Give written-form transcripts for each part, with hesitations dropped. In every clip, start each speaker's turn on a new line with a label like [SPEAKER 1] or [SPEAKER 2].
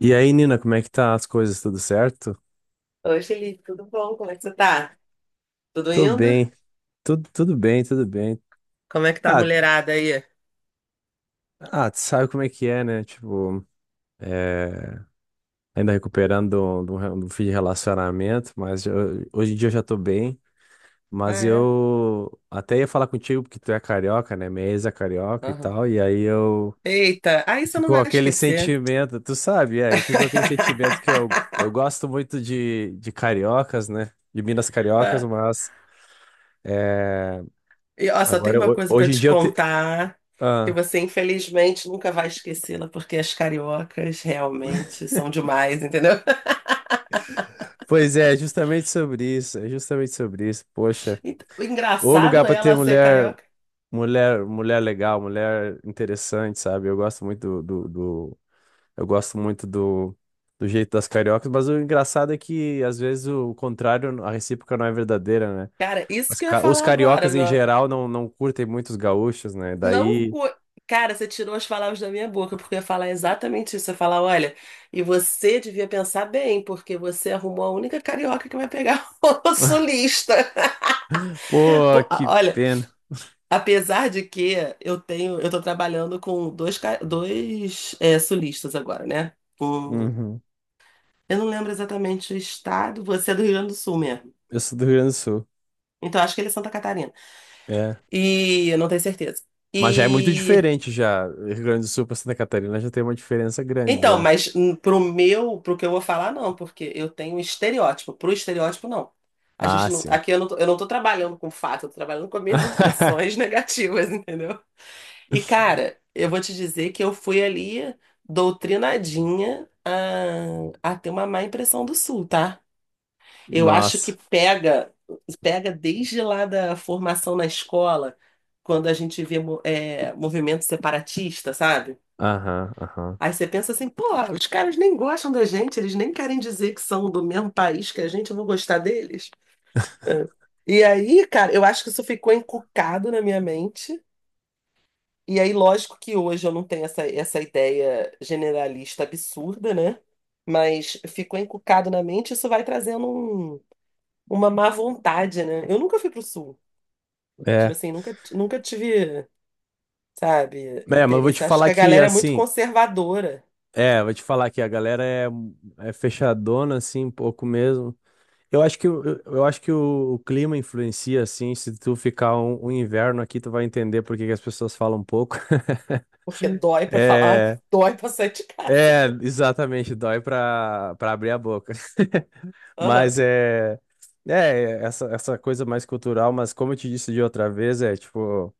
[SPEAKER 1] E aí, Nina, como é que tá as coisas? Tudo certo?
[SPEAKER 2] Oi, Felipe, tudo bom? Como é que você tá? Tudo
[SPEAKER 1] Tô
[SPEAKER 2] indo?
[SPEAKER 1] bem, tudo bem, tudo bem.
[SPEAKER 2] Como é que tá a
[SPEAKER 1] Ah,
[SPEAKER 2] mulherada aí?
[SPEAKER 1] ah, tu sabe como é que é, né? Tipo, é, ainda recuperando do fim de relacionamento, mas hoje em dia eu já tô bem.
[SPEAKER 2] Ah,
[SPEAKER 1] Mas
[SPEAKER 2] é?
[SPEAKER 1] eu até ia falar contigo porque tu é carioca, né? Minha ex é carioca e
[SPEAKER 2] Aham.
[SPEAKER 1] tal, e aí eu.
[SPEAKER 2] Eita, aí você não
[SPEAKER 1] Ficou
[SPEAKER 2] vai
[SPEAKER 1] aquele
[SPEAKER 2] esquecer.
[SPEAKER 1] sentimento, tu sabe, é, e ficou aquele sentimento que eu gosto muito de cariocas, né? De Minas cariocas,
[SPEAKER 2] Ah,
[SPEAKER 1] mas. eh,
[SPEAKER 2] e ó, só tem
[SPEAKER 1] Agora,
[SPEAKER 2] uma coisa pra
[SPEAKER 1] hoje em
[SPEAKER 2] te
[SPEAKER 1] dia, eu,
[SPEAKER 2] contar, que
[SPEAKER 1] Ah,
[SPEAKER 2] você infelizmente nunca vai esquecê-la, porque as cariocas realmente são demais, entendeu?
[SPEAKER 1] pois é, justamente sobre isso, é justamente sobre isso. Poxa,
[SPEAKER 2] Então, o
[SPEAKER 1] o lugar
[SPEAKER 2] engraçado é
[SPEAKER 1] pra ter
[SPEAKER 2] ela ser
[SPEAKER 1] mulher,
[SPEAKER 2] carioca.
[SPEAKER 1] mulher legal, mulher interessante, sabe? Eu gosto muito eu gosto muito do jeito das cariocas, mas o engraçado é que às vezes o contrário, a recíproca não é verdadeira, né?
[SPEAKER 2] Cara, isso que eu ia
[SPEAKER 1] Os
[SPEAKER 2] falar agora,
[SPEAKER 1] cariocas em
[SPEAKER 2] meu.
[SPEAKER 1] geral não curtem muito os gaúchos, né?
[SPEAKER 2] Não.
[SPEAKER 1] Daí,
[SPEAKER 2] Cara, você tirou as palavras da minha boca, porque eu ia falar exatamente isso. Eu ia falar, olha, e você devia pensar bem, porque você arrumou a única carioca que vai pegar o sulista.
[SPEAKER 1] pô,
[SPEAKER 2] Pô,
[SPEAKER 1] que
[SPEAKER 2] olha,
[SPEAKER 1] pena.
[SPEAKER 2] apesar de que eu tô trabalhando com dois sulistas agora, né? O-
[SPEAKER 1] Uhum.
[SPEAKER 2] eu não lembro exatamente o estado, você é do Rio Grande do Sul mesmo.
[SPEAKER 1] Eu sou do Rio Grande do Sul.
[SPEAKER 2] Então acho que ele é Santa Catarina.
[SPEAKER 1] É.
[SPEAKER 2] E eu não tenho certeza.
[SPEAKER 1] Mas já é muito
[SPEAKER 2] E
[SPEAKER 1] diferente já. Rio Grande do Sul para Santa Catarina já tem uma diferença grande
[SPEAKER 2] então,
[SPEAKER 1] já.
[SPEAKER 2] mas pro pro que eu vou falar, não, porque eu tenho estereótipo. Pro estereótipo, não. A
[SPEAKER 1] Ah,
[SPEAKER 2] gente não,
[SPEAKER 1] sim.
[SPEAKER 2] aqui eu não tô trabalhando com fato, eu tô trabalhando com as minhas impressões negativas, entendeu? E, cara, eu vou te dizer que eu fui ali doutrinadinha a ter uma má impressão do Sul, tá? Eu acho que
[SPEAKER 1] Nossa.
[SPEAKER 2] pega, pega desde lá da formação na escola, quando a gente vê movimento separatista, sabe?
[SPEAKER 1] Aham, aham.
[SPEAKER 2] Aí você pensa assim, pô, os caras nem gostam da gente, eles nem querem dizer que são do mesmo país que a gente, eu vou gostar deles. É. E aí, cara, eu acho que isso ficou encucado na minha mente. E aí, lógico que hoje eu não tenho essa ideia generalista absurda, né? Mas ficou encucado na mente, isso vai trazendo uma má vontade, né? Eu nunca fui pro sul. Tipo
[SPEAKER 1] É.
[SPEAKER 2] assim, nunca tive, sabe,
[SPEAKER 1] É, mas eu vou te
[SPEAKER 2] interesse. Acho que
[SPEAKER 1] falar
[SPEAKER 2] a
[SPEAKER 1] que
[SPEAKER 2] galera é muito
[SPEAKER 1] assim,
[SPEAKER 2] conservadora,
[SPEAKER 1] é, vou te falar que a galera é, é fechadona assim um pouco mesmo. Eu acho que eu acho que o clima influencia assim, se tu ficar um inverno aqui, tu vai entender por que que as pessoas falam pouco.
[SPEAKER 2] porque dói pra falar,
[SPEAKER 1] É,
[SPEAKER 2] dói pra sair de casa.
[SPEAKER 1] é, exatamente, dói pra para abrir a boca.
[SPEAKER 2] Aham.
[SPEAKER 1] Mas é, é essa, essa coisa mais cultural, mas como eu te disse de outra vez, é tipo,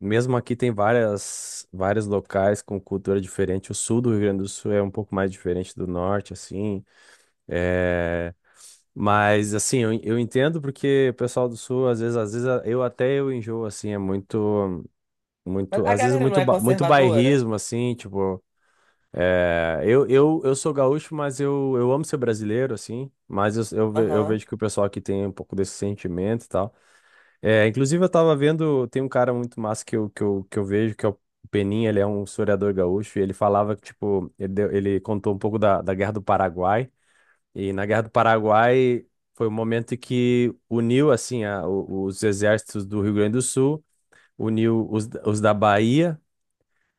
[SPEAKER 1] mesmo aqui tem várias, vários locais com cultura diferente. O sul do Rio Grande do Sul é um pouco mais diferente do norte, assim. É, mas assim, eu entendo porque o pessoal do sul, às vezes, eu até eu enjoo, assim, é muito,
[SPEAKER 2] Mas
[SPEAKER 1] muito,
[SPEAKER 2] a
[SPEAKER 1] às vezes
[SPEAKER 2] galera não
[SPEAKER 1] muito,
[SPEAKER 2] é
[SPEAKER 1] muito
[SPEAKER 2] conservadora?
[SPEAKER 1] bairrismo, assim, tipo. É, eu sou gaúcho, mas eu amo ser brasileiro, assim. Mas eu
[SPEAKER 2] Aham.
[SPEAKER 1] vejo que o pessoal aqui tem um pouco desse sentimento e tal. É, inclusive, eu tava vendo, tem um cara muito massa que eu vejo, que é o Peninha, ele é um historiador gaúcho, e ele falava que, tipo, ele, ele contou um pouco da Guerra do Paraguai. E na Guerra do Paraguai foi o momento em que uniu, assim, os exércitos do Rio Grande do Sul, uniu os da Bahia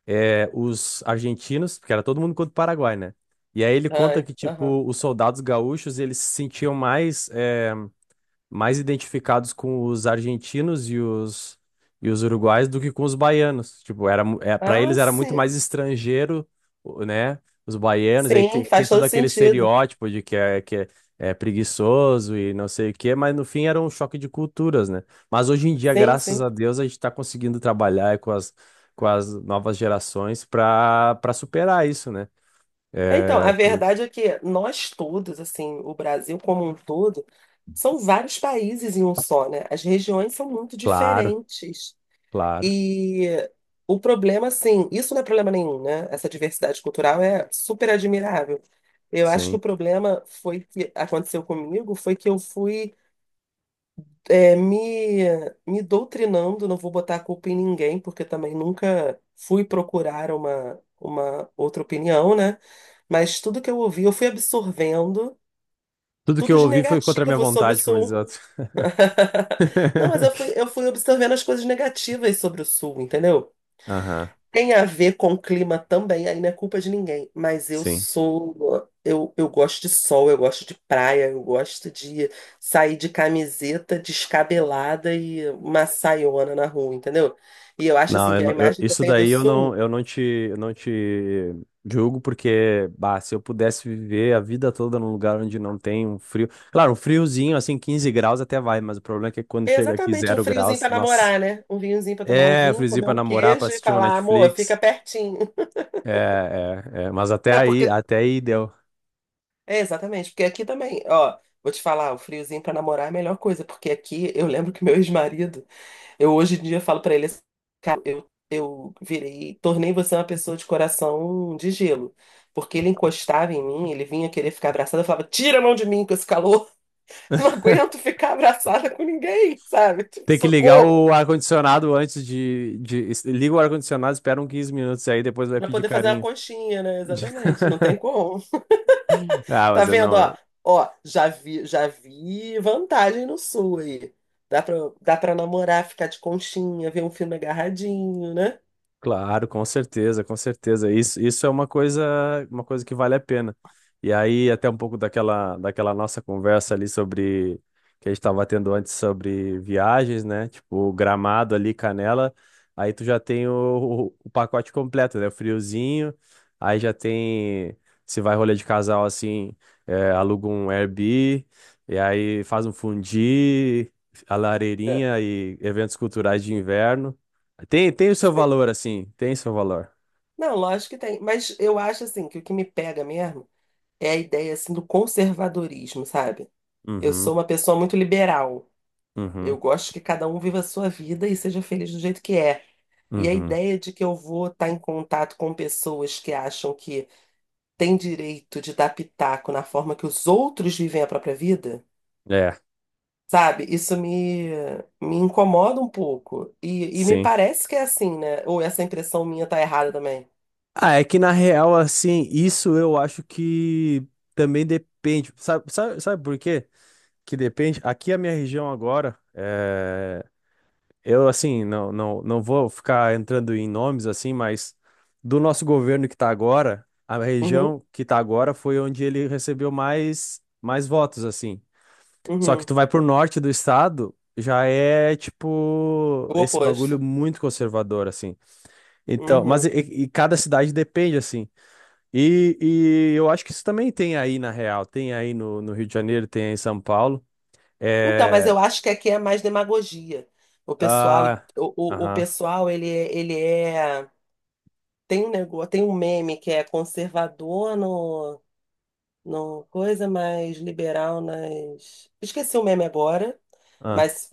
[SPEAKER 1] é, os argentinos, porque era todo mundo contra o Paraguai, né? E aí ele conta
[SPEAKER 2] Ai,
[SPEAKER 1] que,
[SPEAKER 2] aham.
[SPEAKER 1] tipo, os soldados gaúchos, eles se sentiam mais. É, mais identificados com os argentinos e os uruguais do que com os baianos. Tipo, era, para eles
[SPEAKER 2] Ah,
[SPEAKER 1] era muito
[SPEAKER 2] sim.
[SPEAKER 1] mais estrangeiro, né? Os baianos,
[SPEAKER 2] Sim,
[SPEAKER 1] tem,
[SPEAKER 2] faz
[SPEAKER 1] todo
[SPEAKER 2] todo
[SPEAKER 1] aquele
[SPEAKER 2] sentido.
[SPEAKER 1] estereótipo de que é, é preguiçoso e não sei o quê, mas no fim era um choque de culturas, né? Mas hoje em dia,
[SPEAKER 2] Sim,
[SPEAKER 1] graças
[SPEAKER 2] sim.
[SPEAKER 1] a Deus, a gente está conseguindo trabalhar com as novas gerações para superar isso, né?
[SPEAKER 2] Então, a
[SPEAKER 1] É, por,
[SPEAKER 2] verdade é que nós todos, assim, o Brasil como um todo, são vários países em um só, né? As regiões são muito
[SPEAKER 1] claro,
[SPEAKER 2] diferentes.
[SPEAKER 1] claro,
[SPEAKER 2] E o problema, assim, isso não é problema nenhum, né? Essa diversidade cultural é super admirável. Eu acho que o
[SPEAKER 1] sim.
[SPEAKER 2] problema foi que aconteceu comigo, foi que eu fui é, me, me doutrinando, não vou botar a culpa em ninguém, porque também nunca fui procurar uma outra opinião, né? Mas tudo que eu ouvi, eu fui absorvendo
[SPEAKER 1] Tudo que
[SPEAKER 2] tudo
[SPEAKER 1] eu
[SPEAKER 2] de
[SPEAKER 1] ouvi foi contra a minha
[SPEAKER 2] negativo sobre o
[SPEAKER 1] vontade, como diz
[SPEAKER 2] Sul.
[SPEAKER 1] outro.
[SPEAKER 2] Não, mas eu fui absorvendo as coisas negativas sobre o Sul, entendeu?
[SPEAKER 1] Aham,
[SPEAKER 2] Tem a ver com o clima também, aí não é culpa de ninguém. Mas eu
[SPEAKER 1] sim.
[SPEAKER 2] sou. Eu gosto de sol, eu gosto de praia, eu gosto de sair de camiseta descabelada e uma saiona na rua, entendeu? E eu acho
[SPEAKER 1] Não,
[SPEAKER 2] assim que a imagem que eu
[SPEAKER 1] isso
[SPEAKER 2] tenho do
[SPEAKER 1] daí eu não,
[SPEAKER 2] sul
[SPEAKER 1] eu não te julgo, porque, bah, se eu pudesse viver a vida toda num lugar onde não tem um frio. Claro, um friozinho, assim, 15 graus até vai, mas o problema é que quando
[SPEAKER 2] é
[SPEAKER 1] chega aqui
[SPEAKER 2] exatamente um
[SPEAKER 1] zero
[SPEAKER 2] friozinho
[SPEAKER 1] graus,
[SPEAKER 2] pra
[SPEAKER 1] nossa.
[SPEAKER 2] namorar, né? Um vinhozinho pra tomar um
[SPEAKER 1] É,
[SPEAKER 2] vinho,
[SPEAKER 1] friozinho
[SPEAKER 2] comer
[SPEAKER 1] pra
[SPEAKER 2] um
[SPEAKER 1] namorar, pra
[SPEAKER 2] queijo e
[SPEAKER 1] assistir uma
[SPEAKER 2] falar, amor, fica
[SPEAKER 1] Netflix.
[SPEAKER 2] pertinho.
[SPEAKER 1] É, é, é, mas
[SPEAKER 2] É, porque.
[SPEAKER 1] até aí deu.
[SPEAKER 2] É, exatamente, porque aqui também, ó, vou te falar, o friozinho pra namorar é a melhor coisa, porque aqui eu lembro que meu ex-marido. Eu hoje em dia falo pra ele assim, cara, eu virei, tornei você uma pessoa de coração de gelo. Porque ele encostava em mim, ele vinha querer ficar abraçado, eu falava, tira a mão de mim com esse calor, não aguento ficar abraçada com ninguém, sabe? Tipo,
[SPEAKER 1] Tem que ligar
[SPEAKER 2] socorro!
[SPEAKER 1] o ar-condicionado de. Liga o ar-condicionado, espera uns 15 minutos aí, depois vai
[SPEAKER 2] Pra
[SPEAKER 1] pedir
[SPEAKER 2] poder fazer uma
[SPEAKER 1] carinho.
[SPEAKER 2] conchinha, né? Exatamente, não tem como.
[SPEAKER 1] Ah,
[SPEAKER 2] Tá
[SPEAKER 1] mas eu
[SPEAKER 2] vendo, ó?
[SPEAKER 1] não.
[SPEAKER 2] Ó, já vi vantagem no sul aí. Dá pra, dá pra namorar, ficar de conchinha, ver um filme agarradinho, né?
[SPEAKER 1] Claro, com certeza, com certeza. Isso é uma coisa que vale a pena. E aí, até um pouco daquela, daquela nossa conversa ali sobre que a gente estava tendo antes sobre viagens, né? Tipo, Gramado ali, Canela. Aí tu já tem o pacote completo, né? O friozinho. Aí já tem, se vai rolê de casal assim, aluga um Airbnb. E aí faz um fundi, a
[SPEAKER 2] É.
[SPEAKER 1] lareirinha e eventos culturais de inverno. Tem, tem o seu
[SPEAKER 2] Sim.
[SPEAKER 1] valor, assim. Tem seu valor.
[SPEAKER 2] Não, lógico que tem. Mas eu acho assim que o que me pega mesmo é a ideia assim do conservadorismo, sabe? Eu
[SPEAKER 1] Uhum,
[SPEAKER 2] sou uma pessoa muito liberal. Eu
[SPEAKER 1] uhum,
[SPEAKER 2] gosto que cada um viva a sua vida e seja feliz do jeito que é. E a
[SPEAKER 1] uhum.
[SPEAKER 2] ideia de que eu vou estar em contato com pessoas que acham que têm direito de dar pitaco na forma que os outros vivem a própria vida,
[SPEAKER 1] É,
[SPEAKER 2] sabe? Me incomoda um pouco. E me
[SPEAKER 1] sim.
[SPEAKER 2] parece que é assim, né? Ou essa impressão minha tá errada também.
[SPEAKER 1] Ah, é que na real, assim, isso eu acho que também depende. Sabe, sabe, sabe por quê? Que depende. Aqui a minha região agora, é... eu, assim, não vou ficar entrando em nomes, assim, mas do nosso governo que tá agora, a
[SPEAKER 2] Uhum,
[SPEAKER 1] região que tá agora foi onde ele recebeu mais, mais votos, assim. Só que
[SPEAKER 2] uhum.
[SPEAKER 1] tu vai pro norte do estado, já é tipo
[SPEAKER 2] O
[SPEAKER 1] esse bagulho
[SPEAKER 2] oposto.
[SPEAKER 1] muito conservador, assim. Então,
[SPEAKER 2] Uhum.
[SPEAKER 1] e cada cidade depende, assim. E eu acho que isso também tem aí na real, tem aí no Rio de Janeiro, tem aí em São Paulo.
[SPEAKER 2] Então, mas
[SPEAKER 1] É.
[SPEAKER 2] eu acho que aqui é mais demagogia. O pessoal,
[SPEAKER 1] Ah.
[SPEAKER 2] o
[SPEAKER 1] Aham.
[SPEAKER 2] pessoal, ele é, tem um negócio, tem um meme que é conservador no coisa, mais liberal nas. Esqueci o meme agora,
[SPEAKER 1] Ah,
[SPEAKER 2] mas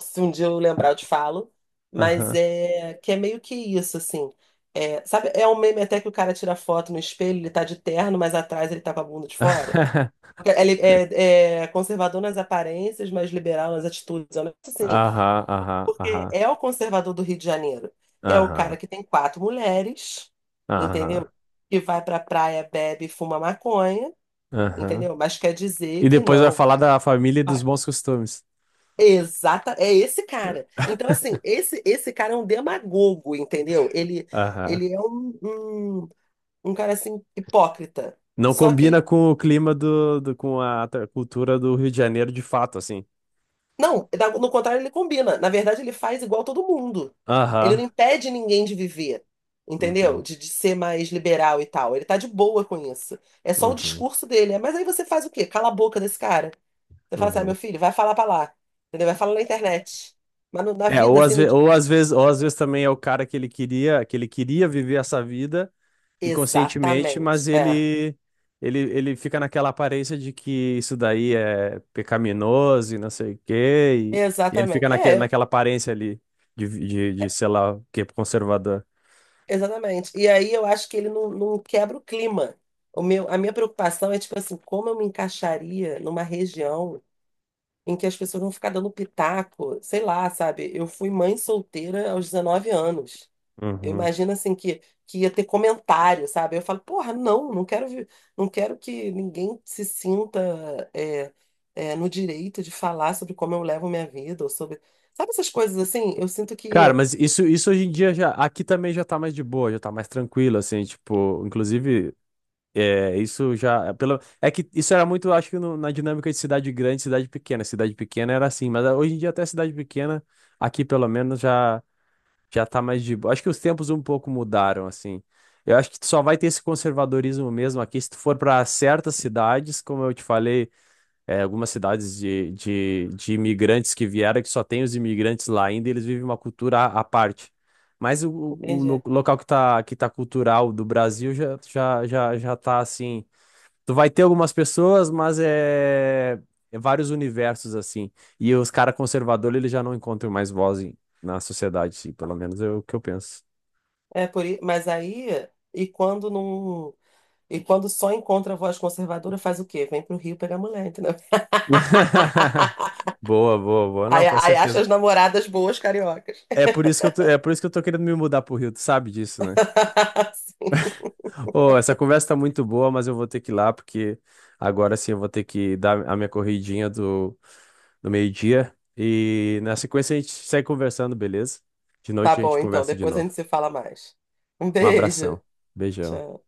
[SPEAKER 2] se um dia eu lembrar eu te falo. Mas
[SPEAKER 1] Aham.
[SPEAKER 2] é que é meio que isso, assim. É, sabe, é um meme até que o cara tira foto no espelho, ele tá de terno, mas atrás ele tá com a bunda de fora. Porque é, é conservador nas aparências, mas liberal nas atitudes. É um negócio assim,
[SPEAKER 1] Aham. Aham.
[SPEAKER 2] porque
[SPEAKER 1] Aham.
[SPEAKER 2] é o conservador do Rio de Janeiro. É o cara
[SPEAKER 1] Aham.
[SPEAKER 2] que tem quatro mulheres, entendeu?
[SPEAKER 1] Aham.
[SPEAKER 2] Que vai pra praia, bebe, e fuma maconha,
[SPEAKER 1] Aham.
[SPEAKER 2] entendeu? Mas quer dizer
[SPEAKER 1] E
[SPEAKER 2] que
[SPEAKER 1] depois vai
[SPEAKER 2] não.
[SPEAKER 1] falar da família e dos
[SPEAKER 2] vai-
[SPEAKER 1] bons costumes.
[SPEAKER 2] Exata, é esse cara. Então, assim, esse cara é um demagogo, entendeu? Ele,
[SPEAKER 1] Aham.
[SPEAKER 2] ele é um cara assim, hipócrita.
[SPEAKER 1] Não
[SPEAKER 2] Só que
[SPEAKER 1] combina
[SPEAKER 2] ele
[SPEAKER 1] com o clima com a cultura do Rio de Janeiro de fato, assim.
[SPEAKER 2] não, no contrário, ele combina. Na verdade, ele faz igual todo mundo. Ele
[SPEAKER 1] Aham.
[SPEAKER 2] não impede ninguém de viver, entendeu?
[SPEAKER 1] Uhum.
[SPEAKER 2] De ser mais liberal e tal. Ele tá de boa com isso. É só o
[SPEAKER 1] Uhum.
[SPEAKER 2] discurso dele. É, mas aí você faz o quê? Cala a boca desse cara. Você fala assim, ah, meu
[SPEAKER 1] Uhum.
[SPEAKER 2] filho, vai falar pra lá. Entendeu? Vai falar na internet. Mas na
[SPEAKER 1] É,
[SPEAKER 2] vida,
[SPEAKER 1] ou
[SPEAKER 2] assim, no... di-
[SPEAKER 1] ou às vezes também é o cara que ele queria viver essa vida inconscientemente,
[SPEAKER 2] exatamente.
[SPEAKER 1] mas
[SPEAKER 2] É.
[SPEAKER 1] ele ele fica naquela aparência de que isso daí é pecaminoso e não sei o quê, e ele
[SPEAKER 2] Exatamente.
[SPEAKER 1] fica
[SPEAKER 2] É,
[SPEAKER 1] naquela aparência ali de, sei lá, o que conservador.
[SPEAKER 2] exatamente. E aí eu acho que ele não quebra o clima. O meu, a minha preocupação é, tipo assim, como eu me encaixaria numa região em que as pessoas vão ficar dando pitaco, sei lá, sabe? Eu fui mãe solteira aos 19 anos. Eu
[SPEAKER 1] Uhum.
[SPEAKER 2] imagino assim que ia ter comentário, sabe? Eu falo, porra, não quero, não quero que ninguém se sinta é, no direito de falar sobre como eu levo minha vida, ou sobre. Sabe essas coisas assim? Eu sinto
[SPEAKER 1] Cara,
[SPEAKER 2] que.
[SPEAKER 1] mas isso hoje em dia já, aqui também já tá mais de boa, já tá mais tranquilo, assim, tipo, inclusive, é, isso já, é pelo, é que isso era muito, acho que na dinâmica de cidade grande, e cidade pequena era assim, mas ah, hoje em dia até cidade pequena, aqui pelo menos já, já tá mais de boa, acho que os tempos um pouco mudaram, assim, eu acho que só vai ter esse conservadorismo mesmo aqui, se tu for para certas cidades, como eu te falei, é, algumas cidades de imigrantes que vieram, que só tem os imigrantes lá ainda, e eles vivem uma cultura à parte. Mas o,
[SPEAKER 2] Entende?
[SPEAKER 1] local que tá cultural do Brasil já, já tá assim. Tu vai ter algumas pessoas, mas é, é vários universos assim. E os caras conservadores, eles já não encontram mais voz na sociedade, sim, pelo menos é o que eu penso.
[SPEAKER 2] Mas aí, e quando não. E quando só encontra a voz conservadora, faz o quê? Vem pro Rio pegar mulher, entendeu?
[SPEAKER 1] Boa, boa, boa. Não,
[SPEAKER 2] Aí,
[SPEAKER 1] com
[SPEAKER 2] aí
[SPEAKER 1] certeza.
[SPEAKER 2] acha as namoradas boas cariocas.
[SPEAKER 1] É por isso que eu tô, é por isso que eu tô querendo me mudar pro Rio, tu sabe disso, né?
[SPEAKER 2] Sim.
[SPEAKER 1] Pô, essa conversa tá muito boa, mas eu vou ter que ir lá, porque agora sim eu vou ter que dar a minha corridinha do meio-dia. E na sequência a gente segue conversando, beleza? De
[SPEAKER 2] Tá
[SPEAKER 1] noite a gente
[SPEAKER 2] bom, então.
[SPEAKER 1] conversa de
[SPEAKER 2] Depois a
[SPEAKER 1] novo.
[SPEAKER 2] gente se fala mais. Um
[SPEAKER 1] Um
[SPEAKER 2] beijo.
[SPEAKER 1] abração. Beijão.
[SPEAKER 2] Tchau.